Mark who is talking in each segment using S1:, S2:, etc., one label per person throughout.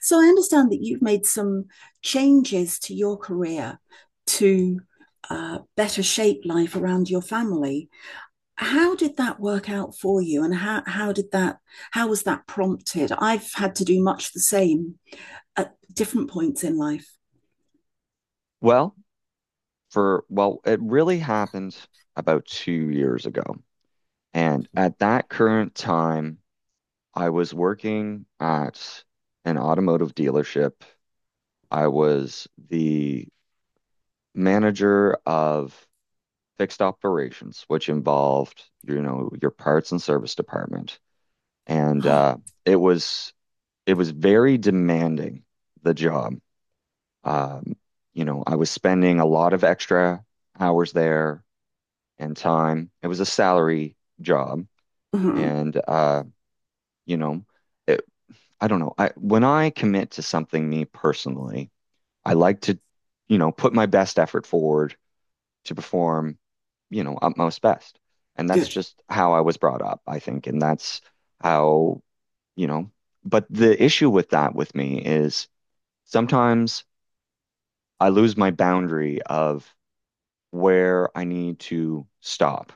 S1: So I understand that you've made some changes to your career to better shape life around your family. How did that work out for you, and how did that how was that prompted? I've had to do much the same at different points in life.
S2: Well, well, it really happened about 2 years ago. And at that current time, I was working at an automotive dealership. I was the manager of fixed operations, which involved, you know, your parts and service department. And
S1: Ah,
S2: it was it was very demanding, the job. Um, you know, I was spending a lot of extra hours there and time. It was a salary job.
S1: mhm,
S2: And, uh, you know, it, I don't know. I, when I commit to something, me personally, I like to, you know, put my best effort forward to perform, you know, utmost best. And that's
S1: good.
S2: just how I was brought up, I think. And that's how, you know, but the issue with that with me is sometimes I lose my boundary of where I need to stop.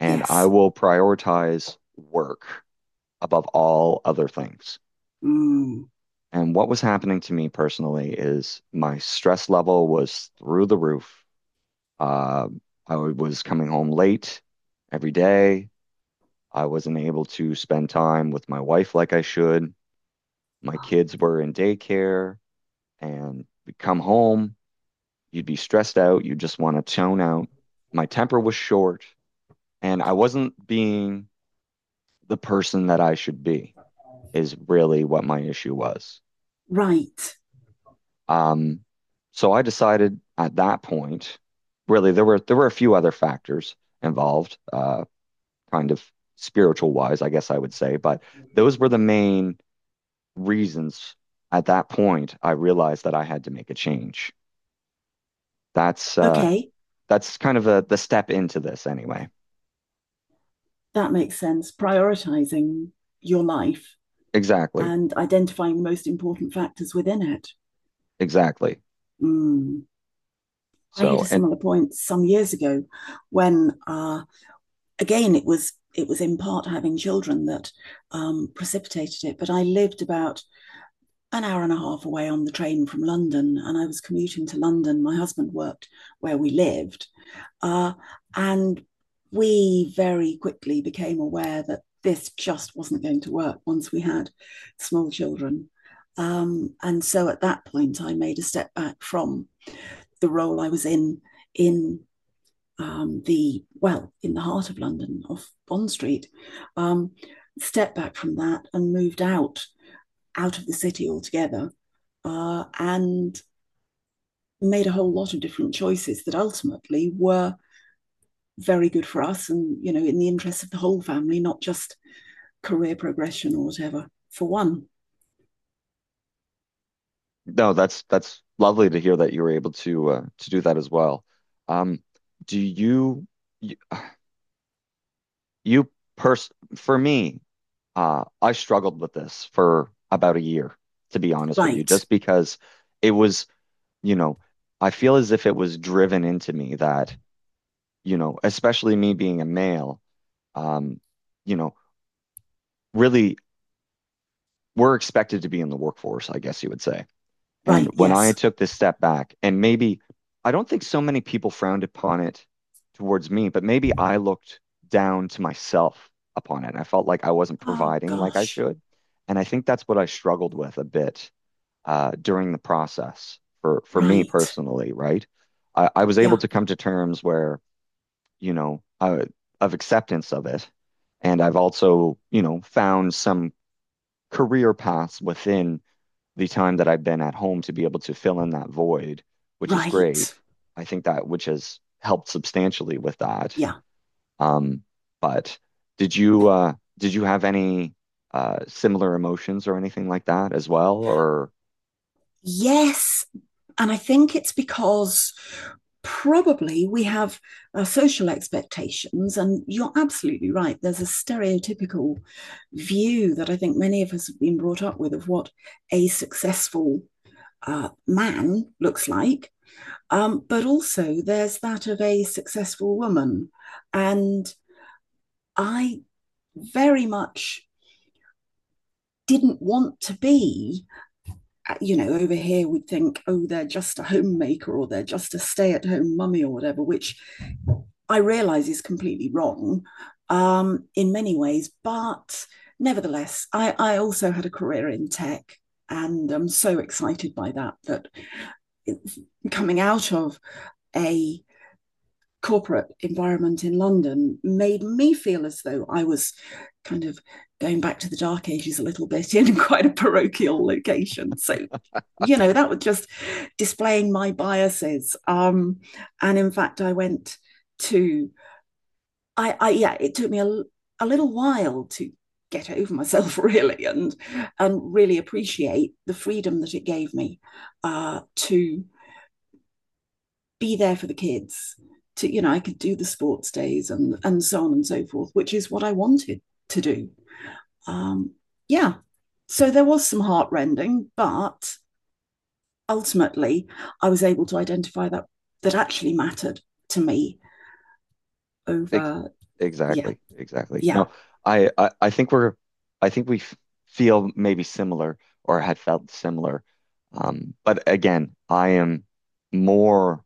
S2: And I
S1: Yes.
S2: will prioritize work above all other things.
S1: Mm,
S2: And what was happening to me personally is my stress level was through the roof. Uh, I was coming home late every day. I wasn't able to spend time with my wife like I should. My kids were in daycare, and we'd come home, you'd be stressed out, you just want to tone out. My temper was short, and I wasn't being the person that I should be, is really what my issue was.
S1: right.
S2: Um, So I decided at that point, really, there were a few other factors involved, kind of spiritual wise, I guess I would say, but those were the main reasons. At that point, I realized that I had to make a change. That's uh,
S1: Okay.
S2: that's kind of a, the step into this anyway.
S1: That makes sense. Prioritizing your life
S2: Exactly,
S1: and identifying the most important factors within it.
S2: exactly.
S1: Mm. I hit
S2: So,
S1: a
S2: and
S1: similar point some years ago when, again, it was in part having children that precipitated it. But I lived about an hour and a half away on the train from London, and I was commuting to London. My husband worked where we lived, uh, and we very quickly became aware that this just wasn't going to work once we had small children. And so at that point, I made a step back from the role I was in the well in the heart of London, off Bond Street, um, stepped back from that and moved out of the city altogether, and made a whole lot of different choices that ultimately were very good for us, and you know, in the interests of the whole family, not just career progression or whatever. For one,
S2: no, that's lovely to hear that you were able to do that as well. Um, do you? You pers For me, I struggled with this for about a year, to be honest with you,
S1: right,
S2: just because it was, you know, I feel as if it was driven into me that, you know, especially me being a male, um, you know, really we're expected to be in the workforce, I guess you would say. And
S1: right,
S2: when I
S1: yes.
S2: took this step back, and maybe I don't think so many people frowned upon it towards me, but maybe I looked down to myself upon it. And I felt like I wasn't
S1: Oh
S2: providing like I
S1: gosh,
S2: should. And I think that's what I struggled with a bit during the process for me
S1: right,
S2: personally, right? I was able
S1: yeah,
S2: to come to terms where, you know, uh, of acceptance of it. And I've also, you know, found some career paths within the time that I've been at home to be able to fill in that void, which is
S1: right,
S2: great. I think that which has helped substantially with that.
S1: yeah,
S2: Um, but did you uh, did you have any similar emotions or anything like that as well? Or
S1: yes, and I think it's because probably we have social expectations, and you're absolutely right. There's a stereotypical view that I think many of us have been brought up with of what a successful man looks like. But also, there's that of a successful woman. And I very much didn't want to be you know, over here we'd think, oh, they're just a homemaker or they're just a stay at home mummy or whatever, which I realize is completely wrong in many ways. But nevertheless, I also had a career in tech and I'm so excited by that, that coming out of a corporate environment in London made me feel as though I was kind of going back to the dark ages a little bit in quite a parochial location. So, you know, that was just displaying my biases. And in fact, I went to, I yeah, it took me a little while to get over myself really and really appreciate the freedom that it gave me to be there for the kids to you know I could do the sports days and so on and so forth which is what I wanted to do um yeah so there was some heartrending but ultimately I was able to identify that that actually mattered to me
S2: ex
S1: over yeah
S2: Exactly, exactly.
S1: yeah
S2: No, I I think we're I think we f feel maybe similar or had felt similar. But again, I am more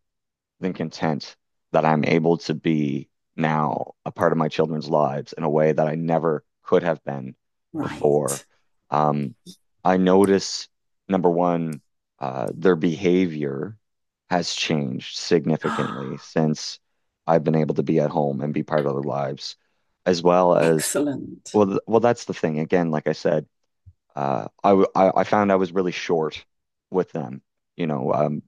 S2: than content that I'm able to be now a part of my children's lives in a way that I never could have been before.
S1: right
S2: Um, I notice, number one, their behavior has changed significantly since I've been able to be at home and be part of their lives, as well as,
S1: excellent
S2: well, th well, that's the thing. Again, like I said, I found I was really short with them. You know, um,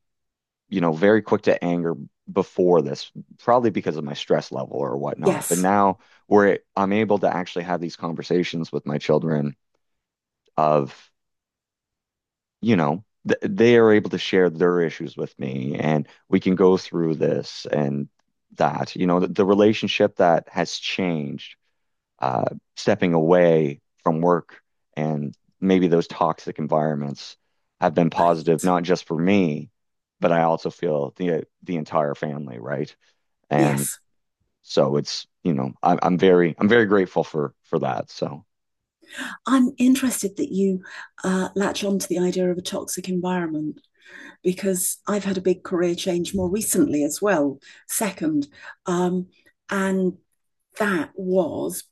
S2: you know, very quick to anger before this, probably because of my stress level or whatnot. But
S1: yes
S2: now where I'm able to actually have these conversations with my children of, you know, th they are able to share their issues with me and we can go through this and that, you know, the relationship that has changed uh, stepping away from work and maybe those toxic environments have been positive,
S1: right
S2: not just for me, but I also feel the entire family, right? And
S1: yes
S2: so it's, you know, I'm very grateful for that. So
S1: I'm interested that you latch on to the idea of a toxic environment because I've had a big career change more recently as well, second. Um, and that was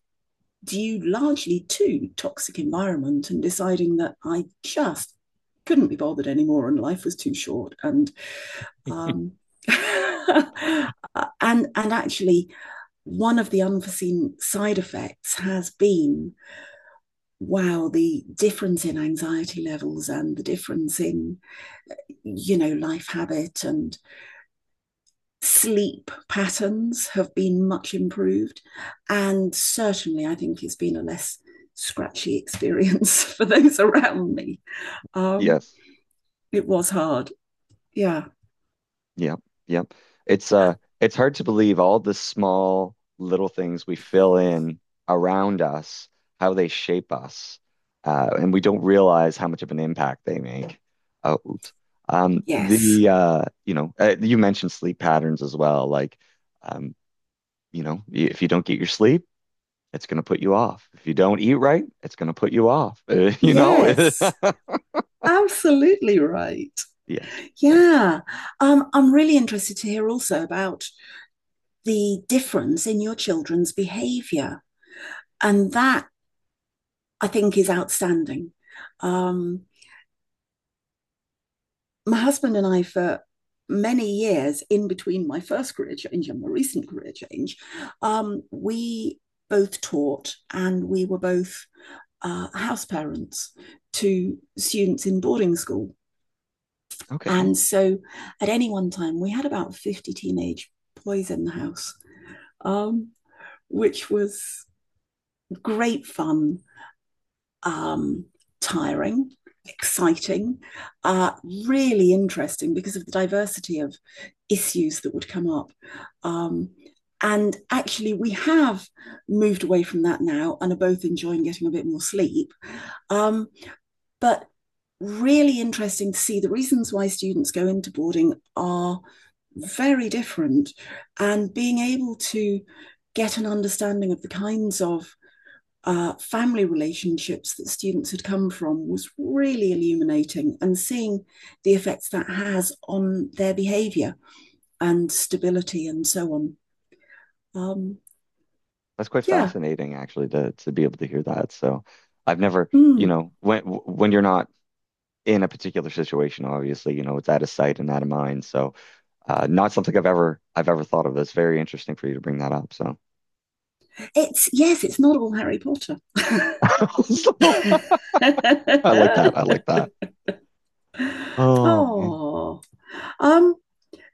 S1: due largely to toxic environment and deciding that I just couldn't be bothered anymore and life was too short. And um, and and actually one of the unforeseen side effects has been wow the difference in anxiety levels and the difference in you know life habit and sleep patterns have been much improved. And certainly, I think it's been a less scratchy experience for those around me. Um,
S2: yes.
S1: it was hard. Yeah.
S2: Yep, yep. It's hard to believe all the small little things we fill in around us, how they shape us. And we don't realize how much of an impact they make. Oh, oops.
S1: Yes.
S2: The You know, you mentioned sleep patterns as well. Like, um, you know, if you don't get your sleep, it's going to put you off. If you don't eat right, it's going to put you off. You know?
S1: Yes. Absolutely right.
S2: Yes. Yeah.
S1: Yeah. I'm really interested to hear also about the difference in your children's behavior. And that I think is outstanding. Um, my husband and I, for many years in between my first career change and my recent career change, we both taught and we were both house parents to students in boarding school.
S2: Okay.
S1: And so at any one time, we had about 50 teenage boys in the house, um, which was great fun um, tiring, exciting, uh, really interesting because of the diversity of issues that would come up. Um, and actually, we have moved away from that now and are both enjoying getting a bit more sleep. Um, but really interesting to see the reasons why students go into boarding are very different and being able to get an understanding of the kinds of family relationships that students had come from was really illuminating and seeing the effects that has on their behavior and stability and so on. Um,
S2: That's quite
S1: yeah.
S2: fascinating, actually, to be able to hear that. So, I've never, you
S1: Mm.
S2: know, when you're not in a particular situation, obviously, you know, it's out of sight and out of mind. So, not something I've ever thought of. That's very interesting for you to bring that up. So,
S1: It's yes, it's not all Harry Potter.
S2: So, I like that. I like that. Oh man,
S1: oh. Um,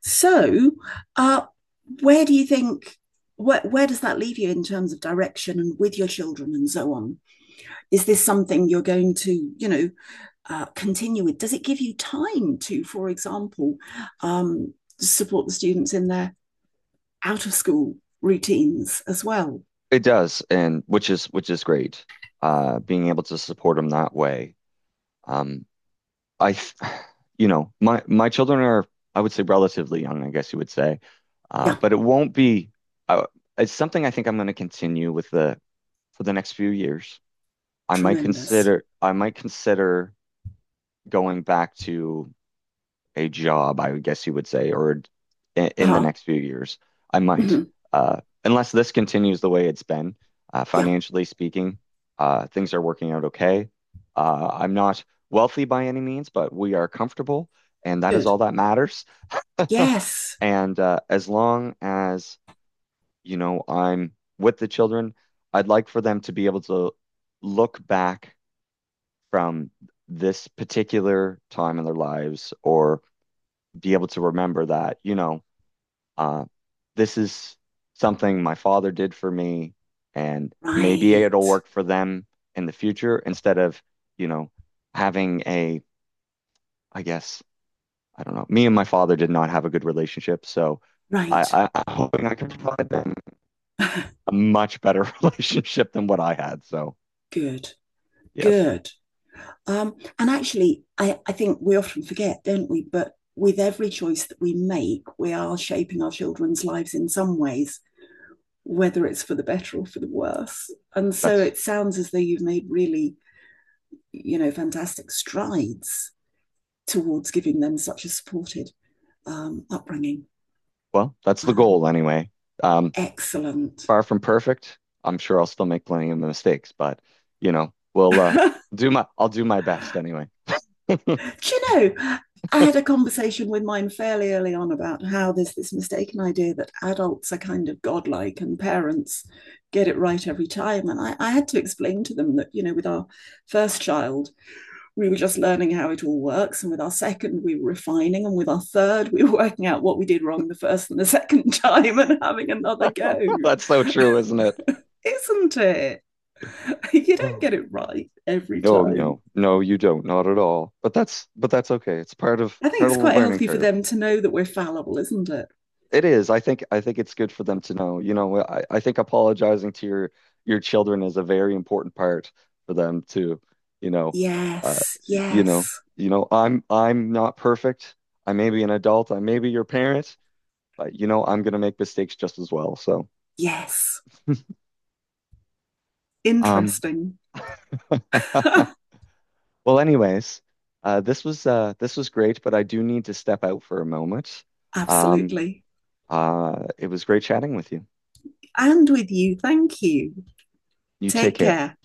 S1: so uh, where do you think where does that leave you in terms of direction and with your children and so on? Is this something you're going to, you know, continue with? Does it give you time to, for example, um, support the students in their out of school routines as well?
S2: it does, and which is great. Being able to support them that way. Um, I, th- you know, my children are, I would say, relatively young. I guess you would say.
S1: Yeah,
S2: But it won't be. Uh, it's something I think I'm going to continue with the for the next few years.
S1: tremendous.
S2: I might consider going back to a job, I would guess you would say, or in the
S1: Uh-huh.
S2: next few years. I might,
S1: Mhm.
S2: Unless this continues the way it's been.
S1: Yeah,
S2: Financially speaking, things are working out okay. I'm not wealthy by any means, but we are comfortable, and that is
S1: good.
S2: all that matters.
S1: Yes,
S2: And as long as you know, I'm with the children. I'd like for them to be able to look back from this particular time in their lives or be able to remember that, you know, uh, this is something my father did for me, and maybe it'll
S1: right,
S2: work for them in the future instead of, you know, having a, I guess, I don't know. Me and my father did not have a good relationship, so
S1: right.
S2: I, I'm hoping I can provide them a much better relationship than what I had. So
S1: good,
S2: yes,
S1: good. And actually, I think we often forget, don't we? But with every choice that we make, we are shaping our children's lives in some ways, whether it's for the better or for the worse. And so
S2: that's
S1: it sounds as though you've made really you know, fantastic strides towards giving them such a supported upbringing.
S2: well, that's the
S1: Um,
S2: goal anyway. Um,
S1: excellent.
S2: far from perfect. I'm sure I'll still make plenty of mistakes, but you know,
S1: Do
S2: we'll do my I'll do my best anyway.
S1: you know, I had a conversation with mine fairly early on about how there's this mistaken idea that adults are kind of godlike and parents get it right every time. And I had to explain to them that, you know, with our first child, we were just learning how it all works. And with our second, we were refining. And with our third, we were working out what we did wrong the first and the second time and having another go.
S2: That's so true, isn't it?
S1: Isn't it? You don't get
S2: Oh.
S1: it right every
S2: No,
S1: time.
S2: no, no, you don't, not at all. But that's okay. It's
S1: I think
S2: part of
S1: it's
S2: the
S1: quite
S2: learning
S1: healthy for
S2: curve.
S1: them to know that we're fallible, isn't it?
S2: It is. I think it's good for them to know. You know, I think apologizing to your children is a very important part for them too. you know, uh,
S1: Yes,
S2: you know,
S1: yes,
S2: you know, I'm not perfect. I may be an adult. I may be your parent, but you know, I'm gonna make mistakes just as well.
S1: yes.
S2: Um,
S1: Interesting.
S2: well, anyways, this was great, but I do need to step out for a moment. Um,
S1: Absolutely.
S2: it was great chatting with you.
S1: And with you, thank you.
S2: You take
S1: Take
S2: care.
S1: care.